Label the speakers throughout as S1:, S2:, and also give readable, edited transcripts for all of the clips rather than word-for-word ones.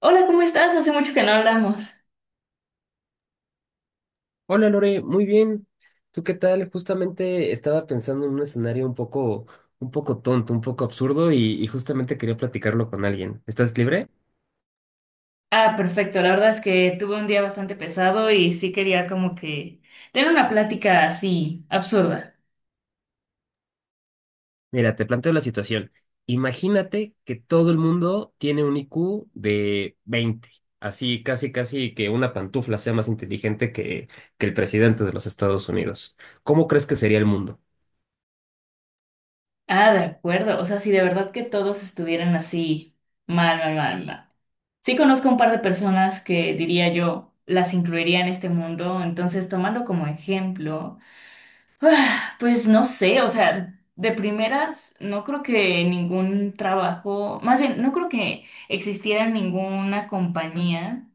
S1: Hola, ¿cómo estás? Hace mucho que no hablamos.
S2: Hola Lore, muy bien. ¿Tú qué tal? Justamente estaba pensando en un escenario un poco tonto, un poco absurdo y justamente quería platicarlo con alguien. ¿Estás libre?
S1: Ah, perfecto. La verdad es que tuve un día bastante pesado y sí quería como que tener una plática así absurda.
S2: Mira, te planteo la situación. Imagínate que todo el mundo tiene un IQ de 20, así casi casi que una pantufla sea más inteligente que el presidente de los Estados Unidos. ¿Cómo crees que sería el mundo?
S1: Ah, de acuerdo. O sea, si de verdad que todos estuvieran así mal, mal, mal, mal. Sí conozco un par de personas que diría yo las incluiría en este mundo. Entonces, tomando como ejemplo, pues no sé, o sea, de primeras no creo que ningún trabajo, más bien, no creo que existiera ninguna compañía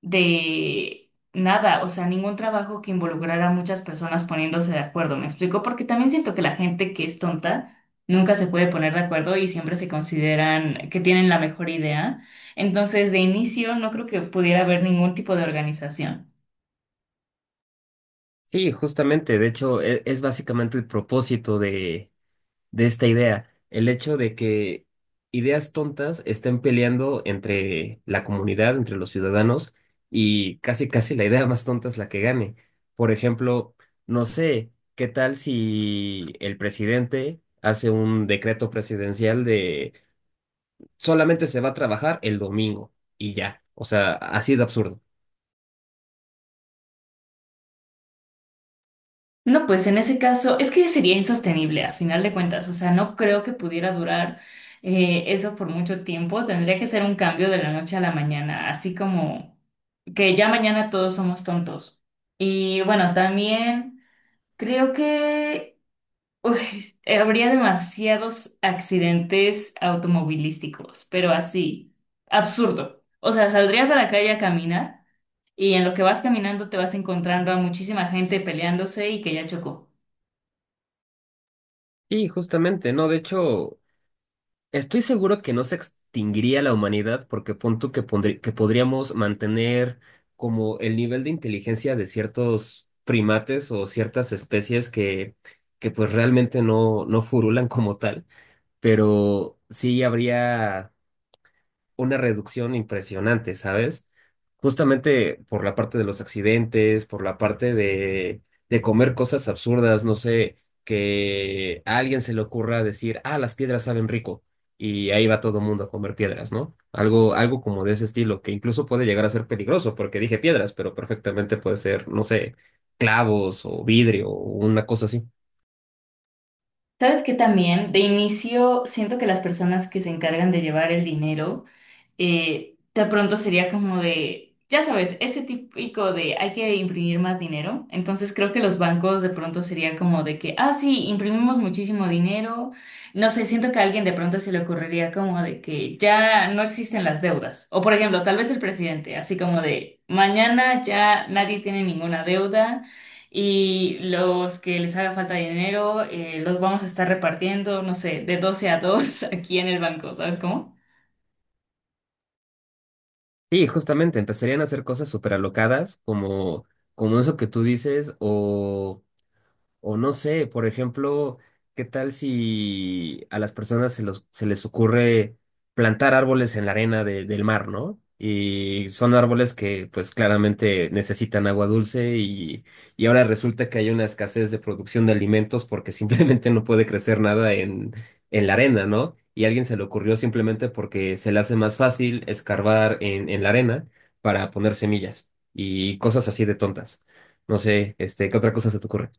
S1: de nada, o sea, ningún trabajo que involucrara a muchas personas poniéndose de acuerdo, ¿me explico? Porque también siento que la gente que es tonta nunca se puede poner de acuerdo y siempre se consideran que tienen la mejor idea. Entonces, de inicio, no creo que pudiera haber ningún tipo de organización.
S2: Sí, justamente, de hecho, es, básicamente el propósito de esta idea, el hecho de que ideas tontas estén peleando entre la comunidad, entre los ciudadanos, y casi casi la idea más tonta es la que gane. Por ejemplo, no sé, ¿qué tal si el presidente hace un decreto presidencial de solamente se va a trabajar el domingo y ya? O sea, así de absurdo.
S1: No, pues en ese caso, es que sería insostenible a final de cuentas, o sea, no creo que pudiera durar eso por mucho tiempo, tendría que ser un cambio de la noche a la mañana, así como que ya mañana todos somos tontos. Y bueno, también creo que uy, habría demasiados accidentes automovilísticos, pero así, absurdo. O sea, saldrías a la calle a caminar y en lo que vas caminando te vas encontrando a muchísima gente peleándose y que ya chocó.
S2: Y justamente, ¿no? De hecho, estoy seguro que no se extinguiría la humanidad porque pon tú que, que podríamos mantener como el nivel de inteligencia de ciertos primates o ciertas especies que pues realmente no, no furulan como tal, pero sí habría una reducción impresionante, ¿sabes? Justamente por la parte de los accidentes, por la parte de, comer cosas absurdas, no sé, que a alguien se le ocurra decir, ah, las piedras saben rico, y ahí va todo el mundo a comer piedras, ¿no? Algo, algo como de ese estilo, que incluso puede llegar a ser peligroso, porque dije piedras, pero perfectamente puede ser, no sé, clavos o vidrio o una cosa así.
S1: Sabes que también de inicio siento que las personas que se encargan de llevar el dinero, de pronto sería como de, ya sabes, ese típico de hay que imprimir más dinero. Entonces creo que los bancos de pronto sería como de que, ah, sí, imprimimos muchísimo dinero. No sé, siento que a alguien de pronto se le ocurriría como de que ya no existen las deudas. O por ejemplo, tal vez el presidente, así como de, mañana ya nadie tiene ninguna deuda. Y los que les haga falta dinero, los vamos a estar repartiendo, no sé, de 12 a 2 aquí en el banco, ¿sabes cómo?
S2: Sí, justamente, empezarían a hacer cosas súper alocadas, como, eso que tú dices, o no sé, por ejemplo, ¿qué tal si a las personas se, se les ocurre plantar árboles en la arena del mar, ¿no? Y son árboles que pues claramente necesitan agua dulce y ahora resulta que hay una escasez de producción de alimentos porque simplemente no puede crecer nada en, la arena, ¿no? Y a alguien se le ocurrió simplemente porque se le hace más fácil escarbar en, la arena para poner semillas y cosas así de tontas. No sé, este, ¿qué otra cosa se te ocurre?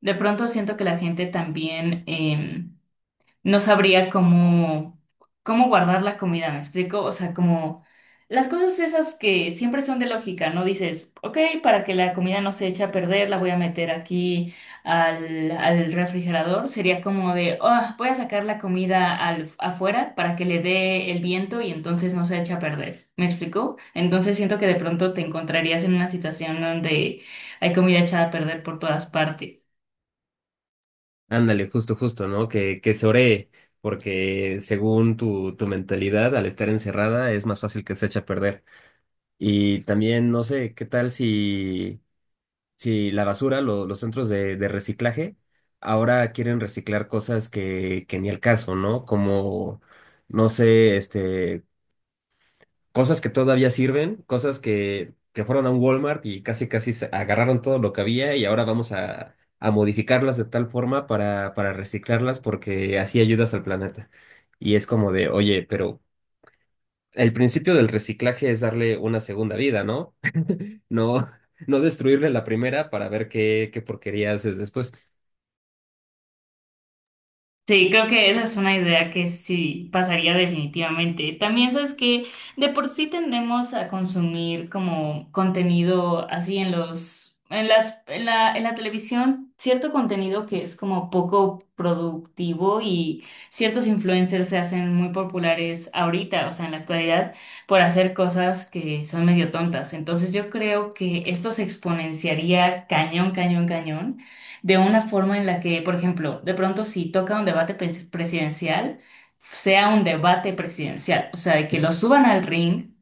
S1: De pronto siento que la gente también no sabría cómo, cómo guardar la comida, ¿me explico? O sea, como las cosas esas que siempre son de lógica, ¿no? Dices, ok, para que la comida no se eche a perder, la voy a meter aquí al refrigerador. Sería como de, oh, voy a sacar la comida al, afuera para que le dé el viento y entonces no se eche a perder, ¿me explico? Entonces siento que de pronto te encontrarías en una situación donde hay comida echada a perder por todas partes.
S2: Ándale, justo, justo, ¿no? Que se oree, porque según tu, tu mentalidad, al estar encerrada, es más fácil que se eche a perder. Y también, no sé, ¿qué tal si, si la basura, los centros de, reciclaje, ahora quieren reciclar cosas que, ni el caso, ¿no? Como, no sé, este, cosas que todavía sirven, cosas que, fueron a un Walmart y casi casi se agarraron todo lo que había y ahora vamos a, modificarlas de tal forma para reciclarlas porque así ayudas al planeta. Y es como de, oye, pero el principio del reciclaje es darle una segunda vida, ¿no? No, no destruirle la primera para ver qué, porquería haces después.
S1: Sí, creo que esa es una idea que sí pasaría definitivamente. También sabes que de por sí tendemos a consumir como contenido así en los, en las, en la televisión, cierto contenido que es como poco productivo y ciertos influencers se hacen muy populares ahorita, o sea, en la actualidad, por hacer cosas que son medio tontas. Entonces yo creo que esto se exponenciaría cañón, cañón, cañón de una forma en la que, por ejemplo, de pronto si toca un debate presidencial, sea un debate presidencial, o sea, de que lo suban al ring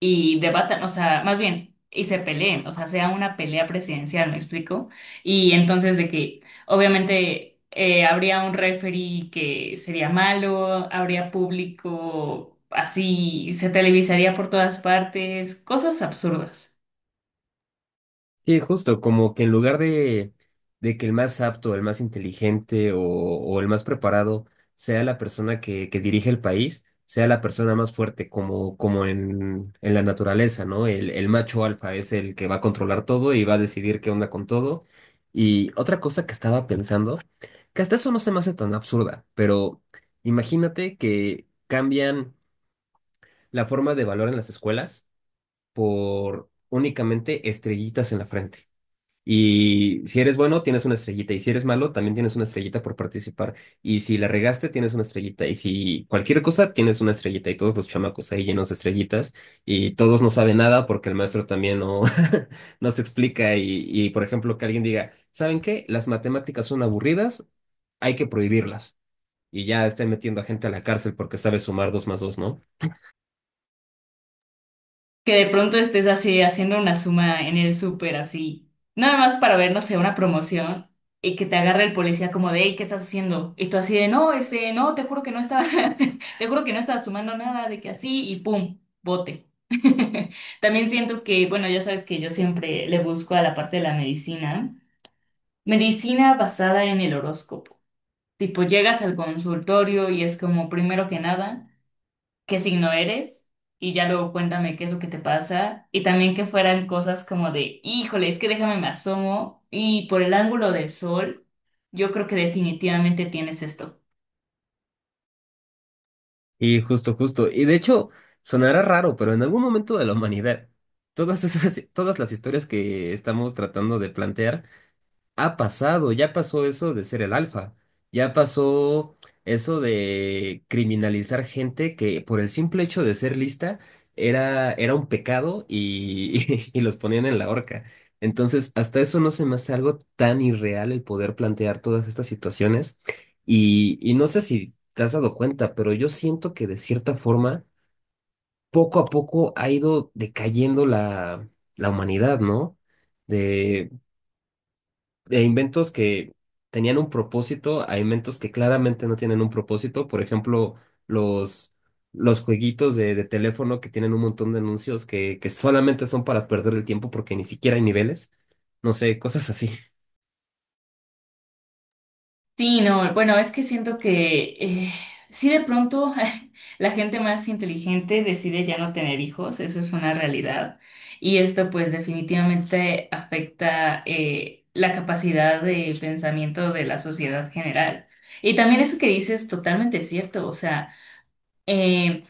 S1: y debatan, o sea, más bien, y se peleen, o sea, sea una pelea presidencial, ¿me explico? Y entonces de que, obviamente, habría un referee que sería malo, habría público, así, se televisaría por todas partes, cosas absurdas.
S2: Sí, justo, como que en lugar de, que el más apto, el más inteligente o, el más preparado sea la persona que, dirige el país, sea la persona más fuerte, como, en, la naturaleza, ¿no? El, macho alfa es el que va a controlar todo y va a decidir qué onda con todo. Y otra cosa que estaba pensando, que hasta eso no se me hace tan absurda, pero imagínate que cambian la forma de valor en las escuelas por únicamente estrellitas en la frente. Y si eres bueno, tienes una estrellita. Y si eres malo, también tienes una estrellita por participar. Y si la regaste, tienes una estrellita. Y si cualquier cosa, tienes una estrellita. Y todos los chamacos ahí llenos de estrellitas. Y todos no saben nada porque el maestro también no, no se explica. Y, por ejemplo, que alguien diga, ¿saben qué? Las matemáticas son aburridas, hay que prohibirlas. Y ya estén metiendo a gente a la cárcel porque sabe sumar dos más dos, ¿no?
S1: Que de pronto estés así haciendo una suma en el súper así, nada más para ver, no sé, una promoción y que te agarre el policía como de, hey, ¿qué estás haciendo? Y tú así de, no, este, no, te juro que no estaba, te juro que no estaba sumando nada, de que así y pum, bote. También siento que, bueno, ya sabes que yo siempre le busco a la parte de la medicina, medicina basada en el horóscopo. Tipo, llegas al consultorio y es como, primero que nada, qué signo eres y ya luego cuéntame qué es lo que te pasa y también que fueran cosas como de, híjole, es que déjame me asomo y por el ángulo del sol, yo creo que definitivamente tienes esto.
S2: Y justo, justo. Y de hecho, sonará raro, pero en algún momento de la humanidad, todas esas, todas las historias que estamos tratando de plantear ha pasado, ya pasó eso de ser el alfa, ya pasó eso de criminalizar gente que por el simple hecho de ser lista era, un pecado y, y los ponían en la horca. Entonces, hasta eso no se me hace algo tan irreal el poder plantear todas estas situaciones. Y, no sé si te has dado cuenta, pero yo siento que de cierta forma, poco a poco ha ido decayendo la, humanidad, ¿no? De inventos que tenían un propósito a inventos que claramente no tienen un propósito. Por ejemplo, los, jueguitos de, teléfono que tienen un montón de anuncios que, solamente son para perder el tiempo porque ni siquiera hay niveles. No sé, cosas así.
S1: Sí, no, bueno, es que siento que sí de pronto la gente más inteligente decide ya no tener hijos, eso es una realidad. Y esto pues definitivamente afecta la capacidad de pensamiento de la sociedad general. Y también eso que dices es totalmente cierto, o sea, eh,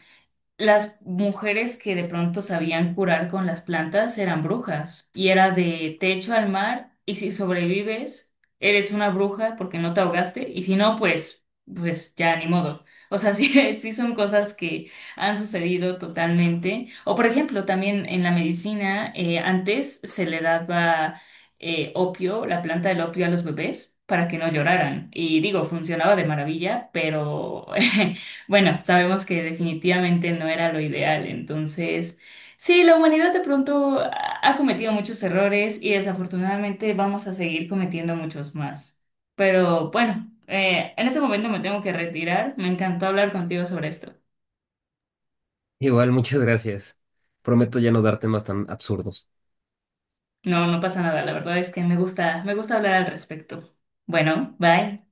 S1: las mujeres que de pronto sabían curar con las plantas eran brujas y era de techo al mar y si sobrevives eres una bruja porque no te ahogaste y si no pues ya ni modo. O sea, sí, sí son cosas que han sucedido totalmente. O por ejemplo, también en la medicina antes se le daba opio, la planta del opio a los bebés para que no lloraran y digo, funcionaba de maravilla, pero bueno, sabemos que definitivamente no era lo ideal, entonces sí, la humanidad de pronto ha cometido muchos errores y desafortunadamente vamos a seguir cometiendo muchos más. Pero bueno, en este momento me tengo que retirar. Me encantó hablar contigo sobre esto.
S2: Igual, muchas gracias. Prometo ya no darte más tan absurdos.
S1: No, no pasa nada, la verdad es que me gusta hablar al respecto. Bueno, bye.